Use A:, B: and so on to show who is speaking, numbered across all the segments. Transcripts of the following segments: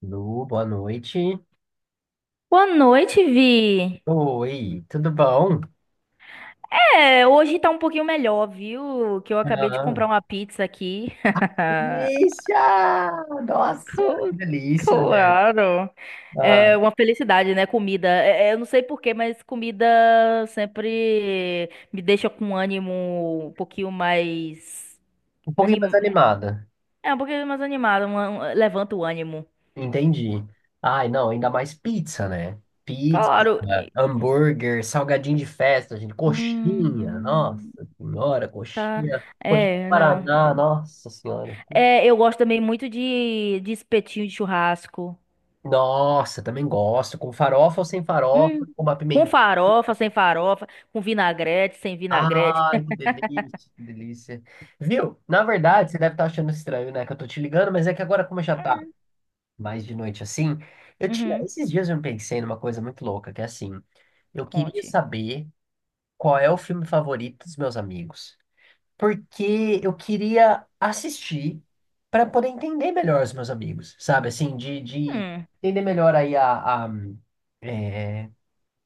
A: Lu, boa noite.
B: Boa noite, Vi.
A: Oi, tudo bom?
B: É, hoje tá um pouquinho melhor, viu? Que eu acabei de
A: Ah,
B: comprar uma pizza aqui.
A: delícia! Nossa, que
B: Cl-
A: delícia, né?
B: Claro.
A: Ah,
B: É uma felicidade, né? Comida. Eu não sei por quê, mas comida sempre me deixa com um ânimo um pouquinho mais
A: um pouquinho mais
B: anim...
A: animada,
B: É um pouquinho mais animado, levanta o ânimo.
A: entendi. Ai, não, ainda mais pizza, né? Pizza,
B: Claro.
A: hambúrguer, salgadinho de festa, gente, coxinha, nossa
B: Hum,
A: senhora,
B: tá.
A: coxinha, coxinha de
B: É, não.
A: Paraná, nossa senhora.
B: É, eu gosto também muito de espetinho de churrasco.
A: Nossa, também gosto, com farofa ou sem farofa,
B: Hum,
A: com uma
B: com
A: pimentinha.
B: farofa, sem farofa, com vinagrete, sem vinagrete.
A: Ai, que delícia, que delícia. Viu? Na verdade,
B: Sim.
A: você deve estar achando estranho, né? Que eu tô te ligando, mas é que agora, como já tá
B: Hum,
A: mais de noite assim, eu tinha.
B: uhum.
A: Esses dias eu me pensei numa coisa muito louca, que é assim, eu queria
B: Conte.
A: saber qual é o filme favorito dos meus amigos. Porque eu queria assistir para poder entender melhor os meus amigos, sabe? Assim, de
B: Hum.
A: entender melhor aí a, é,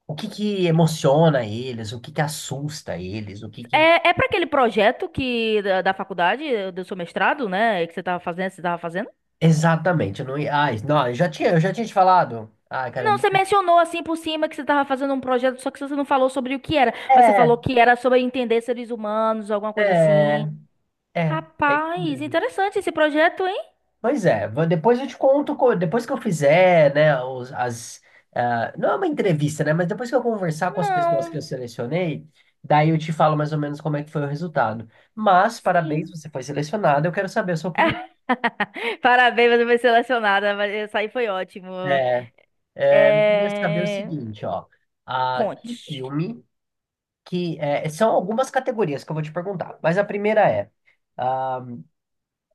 A: o que que emociona eles, o que que assusta eles, o que que...
B: É para aquele projeto da faculdade, do seu mestrado, né? Que você tava fazendo, você tava fazendo?
A: Exatamente, eu não ia. Ai, não, eu já tinha te falado. Ai,
B: Não,
A: caramba.
B: você mencionou assim por cima que você tava fazendo um projeto, só que você não falou sobre o que era, mas você
A: É,
B: falou que era sobre entender seres humanos, alguma coisa
A: é,
B: assim.
A: é. É, isso
B: Rapaz,
A: mesmo.
B: interessante esse projeto, hein?
A: Pois é, depois eu te conto, depois que eu fizer, né, as, ah, não é uma entrevista, né, mas depois que eu conversar com as pessoas que eu
B: Não.
A: selecionei, daí eu te falo mais ou menos como é que foi o resultado. Mas, parabéns,
B: Sim.
A: você foi selecionado, eu quero saber a sua opinião.
B: Parabéns, você foi selecionada, mas essa aí foi ótimo.
A: É, eu queria saber o
B: É...
A: seguinte, ó, ah, que
B: Conte.
A: filme, que, é, são algumas categorias que eu vou te perguntar, mas a primeira é, ah,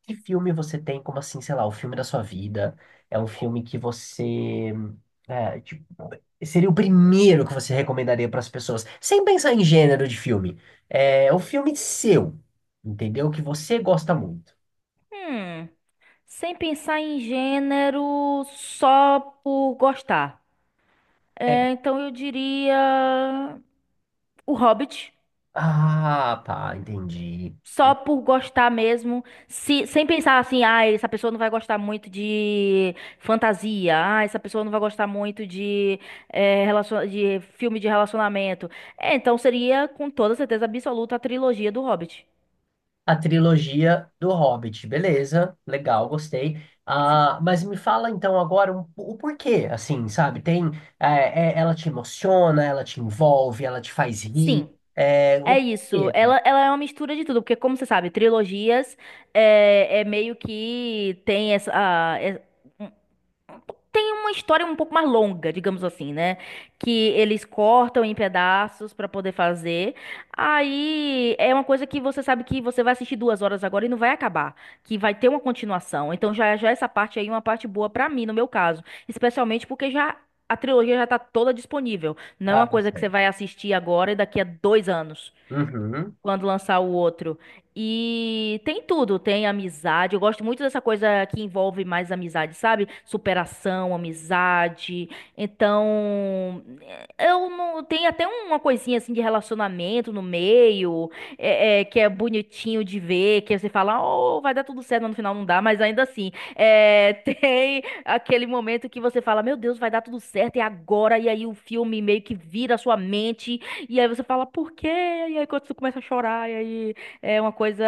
A: que filme você tem como assim, sei lá, o filme da sua vida? É um filme que você... é, tipo, seria o primeiro que você recomendaria para as pessoas, sem pensar em gênero de filme. É o filme seu, entendeu? Que você gosta muito.
B: Hum. Sem pensar em gênero, só por gostar. É, então eu diria O Hobbit.
A: Ah, tá, entendi.
B: Só por gostar mesmo, sem pensar assim, ah, essa pessoa não vai gostar muito de fantasia, ah, essa pessoa não vai gostar muito de filme de relacionamento. É, então seria com toda certeza absoluta a trilogia do Hobbit.
A: A trilogia do Hobbit, beleza, legal, gostei.
B: Sim.
A: Ah, mas me fala então agora o porquê, assim, sabe? Tem, é, ela te emociona, ela te envolve, ela te faz rir,
B: Sim.
A: é, o
B: É isso,
A: quê, né?
B: ela é uma mistura de tudo, porque como você sabe, trilogias meio que tem uma história um pouco mais longa, digamos assim, né? Que eles cortam em pedaços pra poder fazer. Aí é uma coisa que você sabe que você vai assistir 2 horas agora e não vai acabar, que vai ter uma continuação. Então já já essa parte aí é uma parte boa pra mim, no meu caso, especialmente porque já a trilogia já tá toda disponível. Não é
A: Ah,
B: uma coisa que você
A: certo.
B: vai assistir agora e daqui a 2 anos
A: Uhum.
B: quando lançar o outro. E tem tudo, tem amizade. Eu gosto muito dessa coisa que envolve mais amizade, sabe? Superação, amizade. Então, eu não tem até uma coisinha assim de relacionamento no meio, que é bonitinho de ver, que você fala, oh, vai dar tudo certo, mas no final não dá, mas ainda assim, tem aquele momento que você fala, meu Deus, vai dar tudo certo, e agora, e aí o filme meio que vira a sua mente e aí você fala, por quê? E aí quando você começa a chorar, e aí é uma coisa.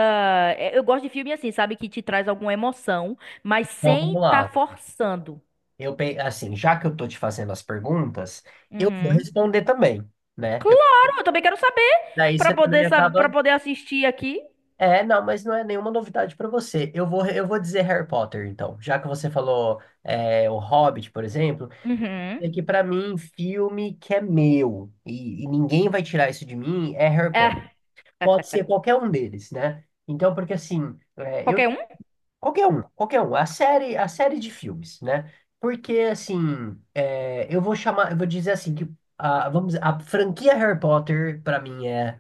B: Eu gosto de filme assim, sabe? Que te traz alguma emoção, mas
A: Então
B: sem
A: vamos
B: tá
A: lá.
B: forçando.
A: Eu, assim, já que eu tô te fazendo as perguntas, eu vou
B: Uhum.
A: responder também, né?
B: Claro, eu também quero saber
A: Daí
B: pra
A: você também
B: poder saber, para
A: acaba.
B: poder assistir aqui.
A: É, não, mas não é nenhuma novidade pra você. Eu vou dizer Harry Potter, então, já que você falou é, o Hobbit, por exemplo.
B: Uhum.
A: É que pra mim, um filme que é meu e ninguém vai tirar isso de mim é Harry Potter.
B: É,
A: Pode ser qualquer um deles, né? Então, porque assim, é, eu
B: qualquer um?
A: qualquer um, a série de filmes, né? Porque assim, é, eu vou dizer assim que a, vamos, dizer, a franquia Harry Potter pra mim é...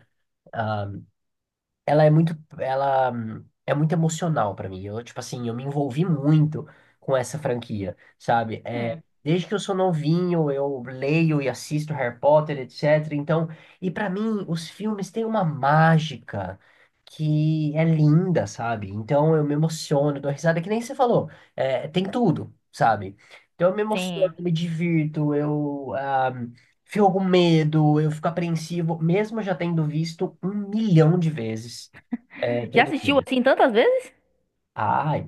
A: ela é muito emocional pra mim. Eu, tipo assim, eu me envolvi muito com essa franquia, sabe? É,
B: Hum,
A: desde que eu sou novinho, eu leio e assisto Harry Potter, etc. Então, e pra mim, os filmes têm uma mágica que é linda, sabe? Então, eu me emociono, dou risada, que nem você falou. É, tem tudo, sabe? Então, eu me emociono,
B: sim.
A: me divirto, eu ah, fico com medo, eu fico apreensivo, mesmo já tendo visto um milhão de vezes. É,
B: Já
A: todo
B: assistiu
A: mundo.
B: assim tantas vezes?
A: Ai,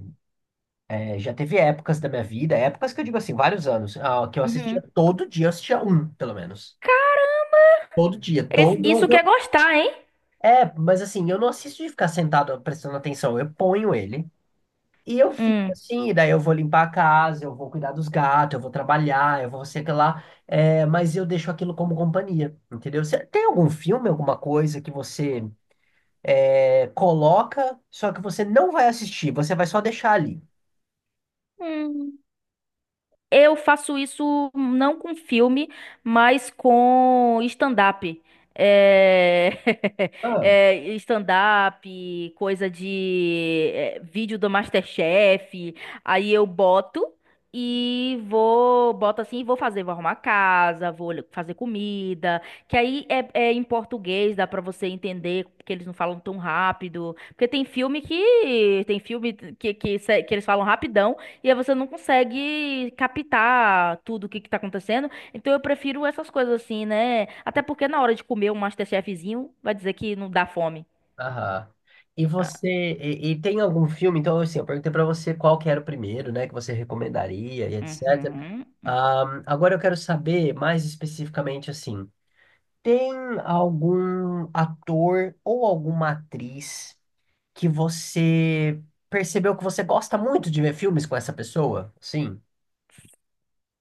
A: é, já teve épocas da minha vida, épocas que eu digo assim, vários anos, ah, que eu assistia
B: Uhum.
A: todo dia, eu assistia um, pelo menos. Todo dia,
B: Isso quer
A: todo.
B: gostar, hein?
A: É, mas assim, eu não assisto de ficar sentado prestando atenção, eu ponho ele e eu fico
B: Hum.
A: assim, e daí eu vou limpar a casa, eu vou cuidar dos gatos, eu vou trabalhar, eu vou sei que lá, é, mas eu deixo aquilo como companhia, entendeu? Você tem algum filme, alguma coisa que você é, coloca, só que você não vai assistir, você vai só deixar ali?
B: Hum. Eu faço isso não com filme, mas com stand-up. É... stand-up, coisa de vídeo do MasterChef. Aí eu boto e vou, boto assim, e vou fazer, vou arrumar casa, vou fazer comida. Que aí em português, dá pra você entender, porque eles não falam tão rápido. Porque tem filme que eles falam rapidão. E aí você não consegue captar tudo o que que tá acontecendo. Então eu prefiro essas coisas assim, né? Até porque na hora de comer um MasterChefzinho, vai dizer que não dá fome.
A: Aham. E
B: Ah,
A: você, e, e tem algum filme? Então, assim, eu perguntei pra você qual que era o primeiro, né, que você recomendaria e etc.
B: uhum,
A: Agora eu quero saber mais especificamente, assim, tem algum ator ou alguma atriz que você percebeu que você gosta muito de ver filmes com essa pessoa? Sim.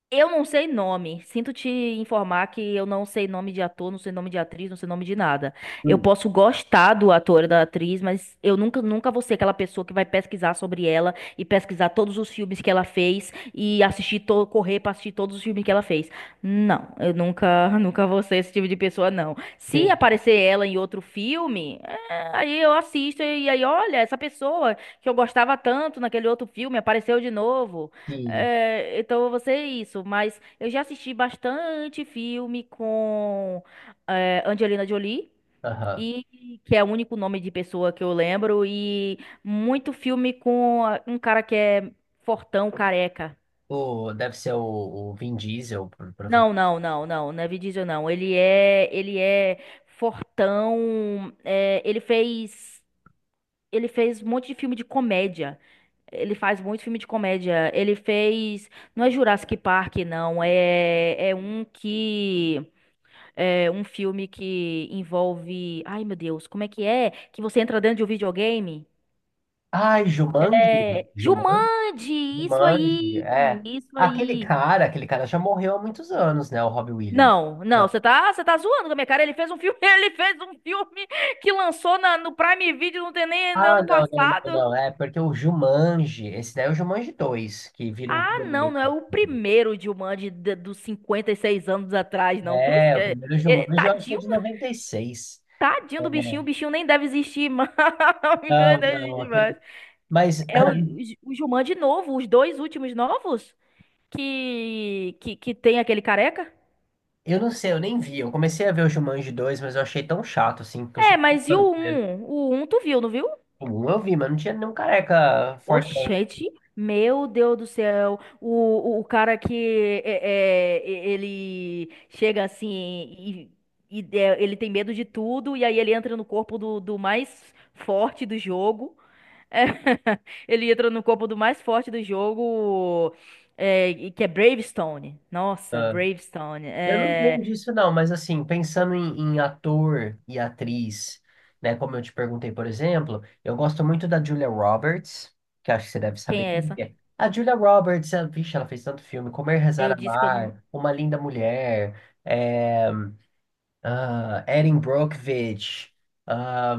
B: Eu não sei nome. Sinto te informar que eu não sei nome de ator, não sei nome de atriz, não sei nome de nada. Eu
A: Hum.
B: posso gostar do ator e da atriz, mas eu nunca, nunca vou ser aquela pessoa que vai pesquisar sobre ela e pesquisar todos os filmes que ela fez e assistir, correr pra assistir todos os filmes que ela fez. Não, eu nunca, nunca vou ser esse tipo de pessoa, não. Se
A: Tem,
B: aparecer ela em outro filme, aí eu assisto e aí, olha, essa pessoa que eu gostava tanto naquele outro filme apareceu de novo.
A: sim.
B: É, então eu vou ser isso, mas eu já assisti bastante filme com Angelina Jolie,
A: Aham.
B: e que é o único nome de pessoa que eu lembro, e muito filme com um cara que é fortão, careca.
A: O, deve ser o Vin Diesel.
B: Não, não, não, não, não é Vin Diesel, não. Ele é fortão, ele fez um monte de filme de comédia. Ele faz muito filme de comédia. Ele fez. Não é Jurassic Park, não. É um que. É um filme que envolve. Ai, meu Deus, como é? Que você entra dentro de um videogame?
A: Ai, Jumanji?
B: É.
A: Jumanji?
B: Jumanji! Isso
A: Jumanji,
B: aí!
A: é.
B: Isso aí!
A: Aquele cara já morreu há muitos anos, né? O Robbie Williams.
B: Não, não,
A: Não.
B: você tá zoando com a minha cara. Ele fez um filme, ele fez um filme que lançou no Prime Video, não tem nem
A: Ah,
B: ano
A: não, não, não,
B: passado.
A: não. É porque o Jumanji, esse daí é o Jumanji 2, que vira um
B: Ah, não,
A: videogame.
B: não é o primeiro Jumanji dos 56 anos atrás, não. Cruz,
A: É,
B: que
A: o primeiro Jumanji eu acho que é
B: tadinho,
A: de 96.
B: tadinho do bichinho, o
A: É,
B: bichinho nem deve existir mais. O bichinho nem
A: não,
B: deve
A: não,
B: existir mais.
A: aquele. Mas
B: É o Jumanji novo, os dois últimos novos que tem aquele careca?
A: eu não sei, eu nem vi. Eu comecei a ver o Jumanji 2, mas eu achei tão chato, assim, porque eu
B: É,
A: sou
B: mas
A: fã
B: e
A: do
B: o
A: primeiro.
B: um O um tu viu, não viu?
A: O um eu vi, mas não tinha nenhum careca fortão.
B: Oxente, meu Deus do céu, o cara que ele chega assim ele tem medo de tudo, e aí ele entra no corpo do mais forte do jogo. É, ele entra no corpo do mais forte do jogo, e que é Bravestone. Nossa,
A: Né?
B: Bravestone.
A: Eu não
B: É,
A: tenho disso, não, mas assim, pensando em, em ator e atriz, né? Como eu te perguntei, por exemplo, eu gosto muito da Julia Roberts, que acho que você deve
B: quem
A: saber
B: é
A: quem
B: essa?
A: é. A Julia Roberts, ela, vixe, ela fez tanto filme, Comer, Rezar,
B: Eu disse que eu não.
A: Amar, Uma Linda Mulher, é, ah, Erin Brockovich, ah,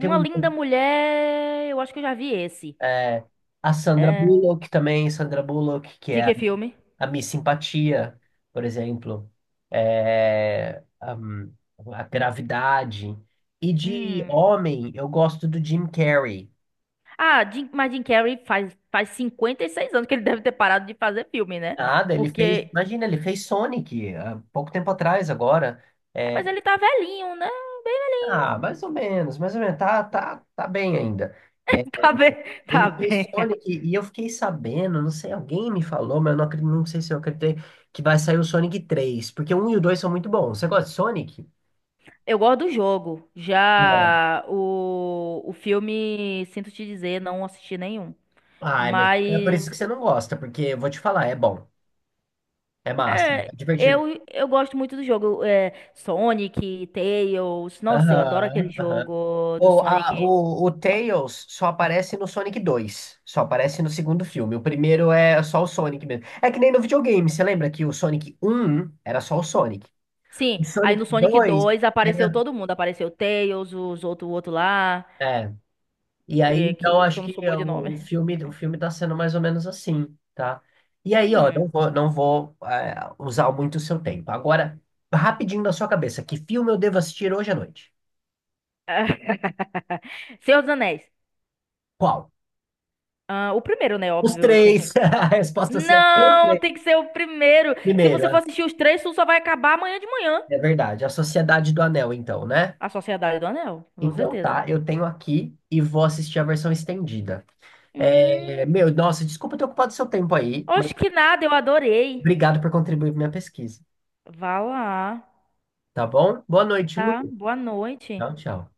A: tem um,
B: linda mulher, eu acho que eu já vi esse.
A: é, a Sandra
B: É,
A: Bullock também, Sandra Bullock, que
B: de
A: é
B: que filme?
A: a Miss Simpatia, por exemplo, é, hum, a Gravidade. E de
B: Hum.
A: homem, eu gosto do Jim Carrey.
B: Ah, mas Jim Carrey faz 56 anos que ele deve ter parado de fazer filme, né?
A: Nada, ele fez,
B: Porque.
A: imagina, ele fez Sonic há pouco tempo atrás agora. É,
B: Mas ele tá velhinho, né? Bem velhinho.
A: ah, mais ou menos, tá, tá, tá bem ainda. É,
B: Tá bem, tá
A: ele fez
B: bem.
A: Sonic e eu fiquei sabendo, não sei, alguém me falou, mas eu não, não sei se eu acreditei, que vai sair o Sonic 3 porque o 1 e o 2 são muito bons. Você gosta de Sonic?
B: Eu gosto do jogo. Já o filme, sinto te dizer, não assisti nenhum.
A: Ai, mas é por isso
B: Mas
A: que você não gosta, porque eu vou te falar, é bom, é massa,
B: é,
A: é divertido.
B: eu gosto muito do jogo. Sonic, Tails. Nossa, eu adoro aquele
A: Aham, aham.
B: jogo do
A: O, a-
B: Sonic.
A: o, o Tails só aparece no Sonic dois, só aparece no segundo filme. O primeiro é só o Sonic mesmo. É que nem no videogame, você lembra que o Sonic um era só o Sonic?
B: Sim,
A: O
B: aí
A: Sonic
B: no Sonic
A: 2
B: 2 apareceu
A: era.
B: todo mundo. Apareceu o Tails, os outro, o outro lá.
A: É, e aí,
B: É,
A: então,
B: que, que
A: acho
B: eu não
A: que
B: sou
A: é
B: boa de nome.
A: o filme tá sendo mais ou menos assim, tá? E aí, ó,
B: Hum.
A: não vou, não vou, é, usar muito o seu tempo. Agora, rapidinho na sua cabeça, que filme eu devo assistir hoje à noite?
B: Senhor dos Anéis.
A: Qual?
B: Ah, o primeiro, né?
A: Os
B: Óbvio, tem que.
A: três! A resposta certa é os
B: Não, tem
A: três.
B: que ser o primeiro. Se
A: Primeiro,
B: você for
A: ah,
B: assistir os três, tu só vai acabar amanhã de manhã.
A: é verdade, A Sociedade do Anel, então, né?
B: A Sociedade do Anel, com
A: Então
B: certeza.
A: tá, eu tenho aqui e vou assistir a versão estendida. É,
B: Hum.
A: meu, nossa, desculpa ter ocupado seu tempo aí, mas
B: Oxe, que nada, eu adorei.
A: obrigado por contribuir para minha pesquisa,
B: Vá lá.
A: tá bom? Boa noite, Lu.
B: Tá? Boa noite.
A: Tchau, tchau.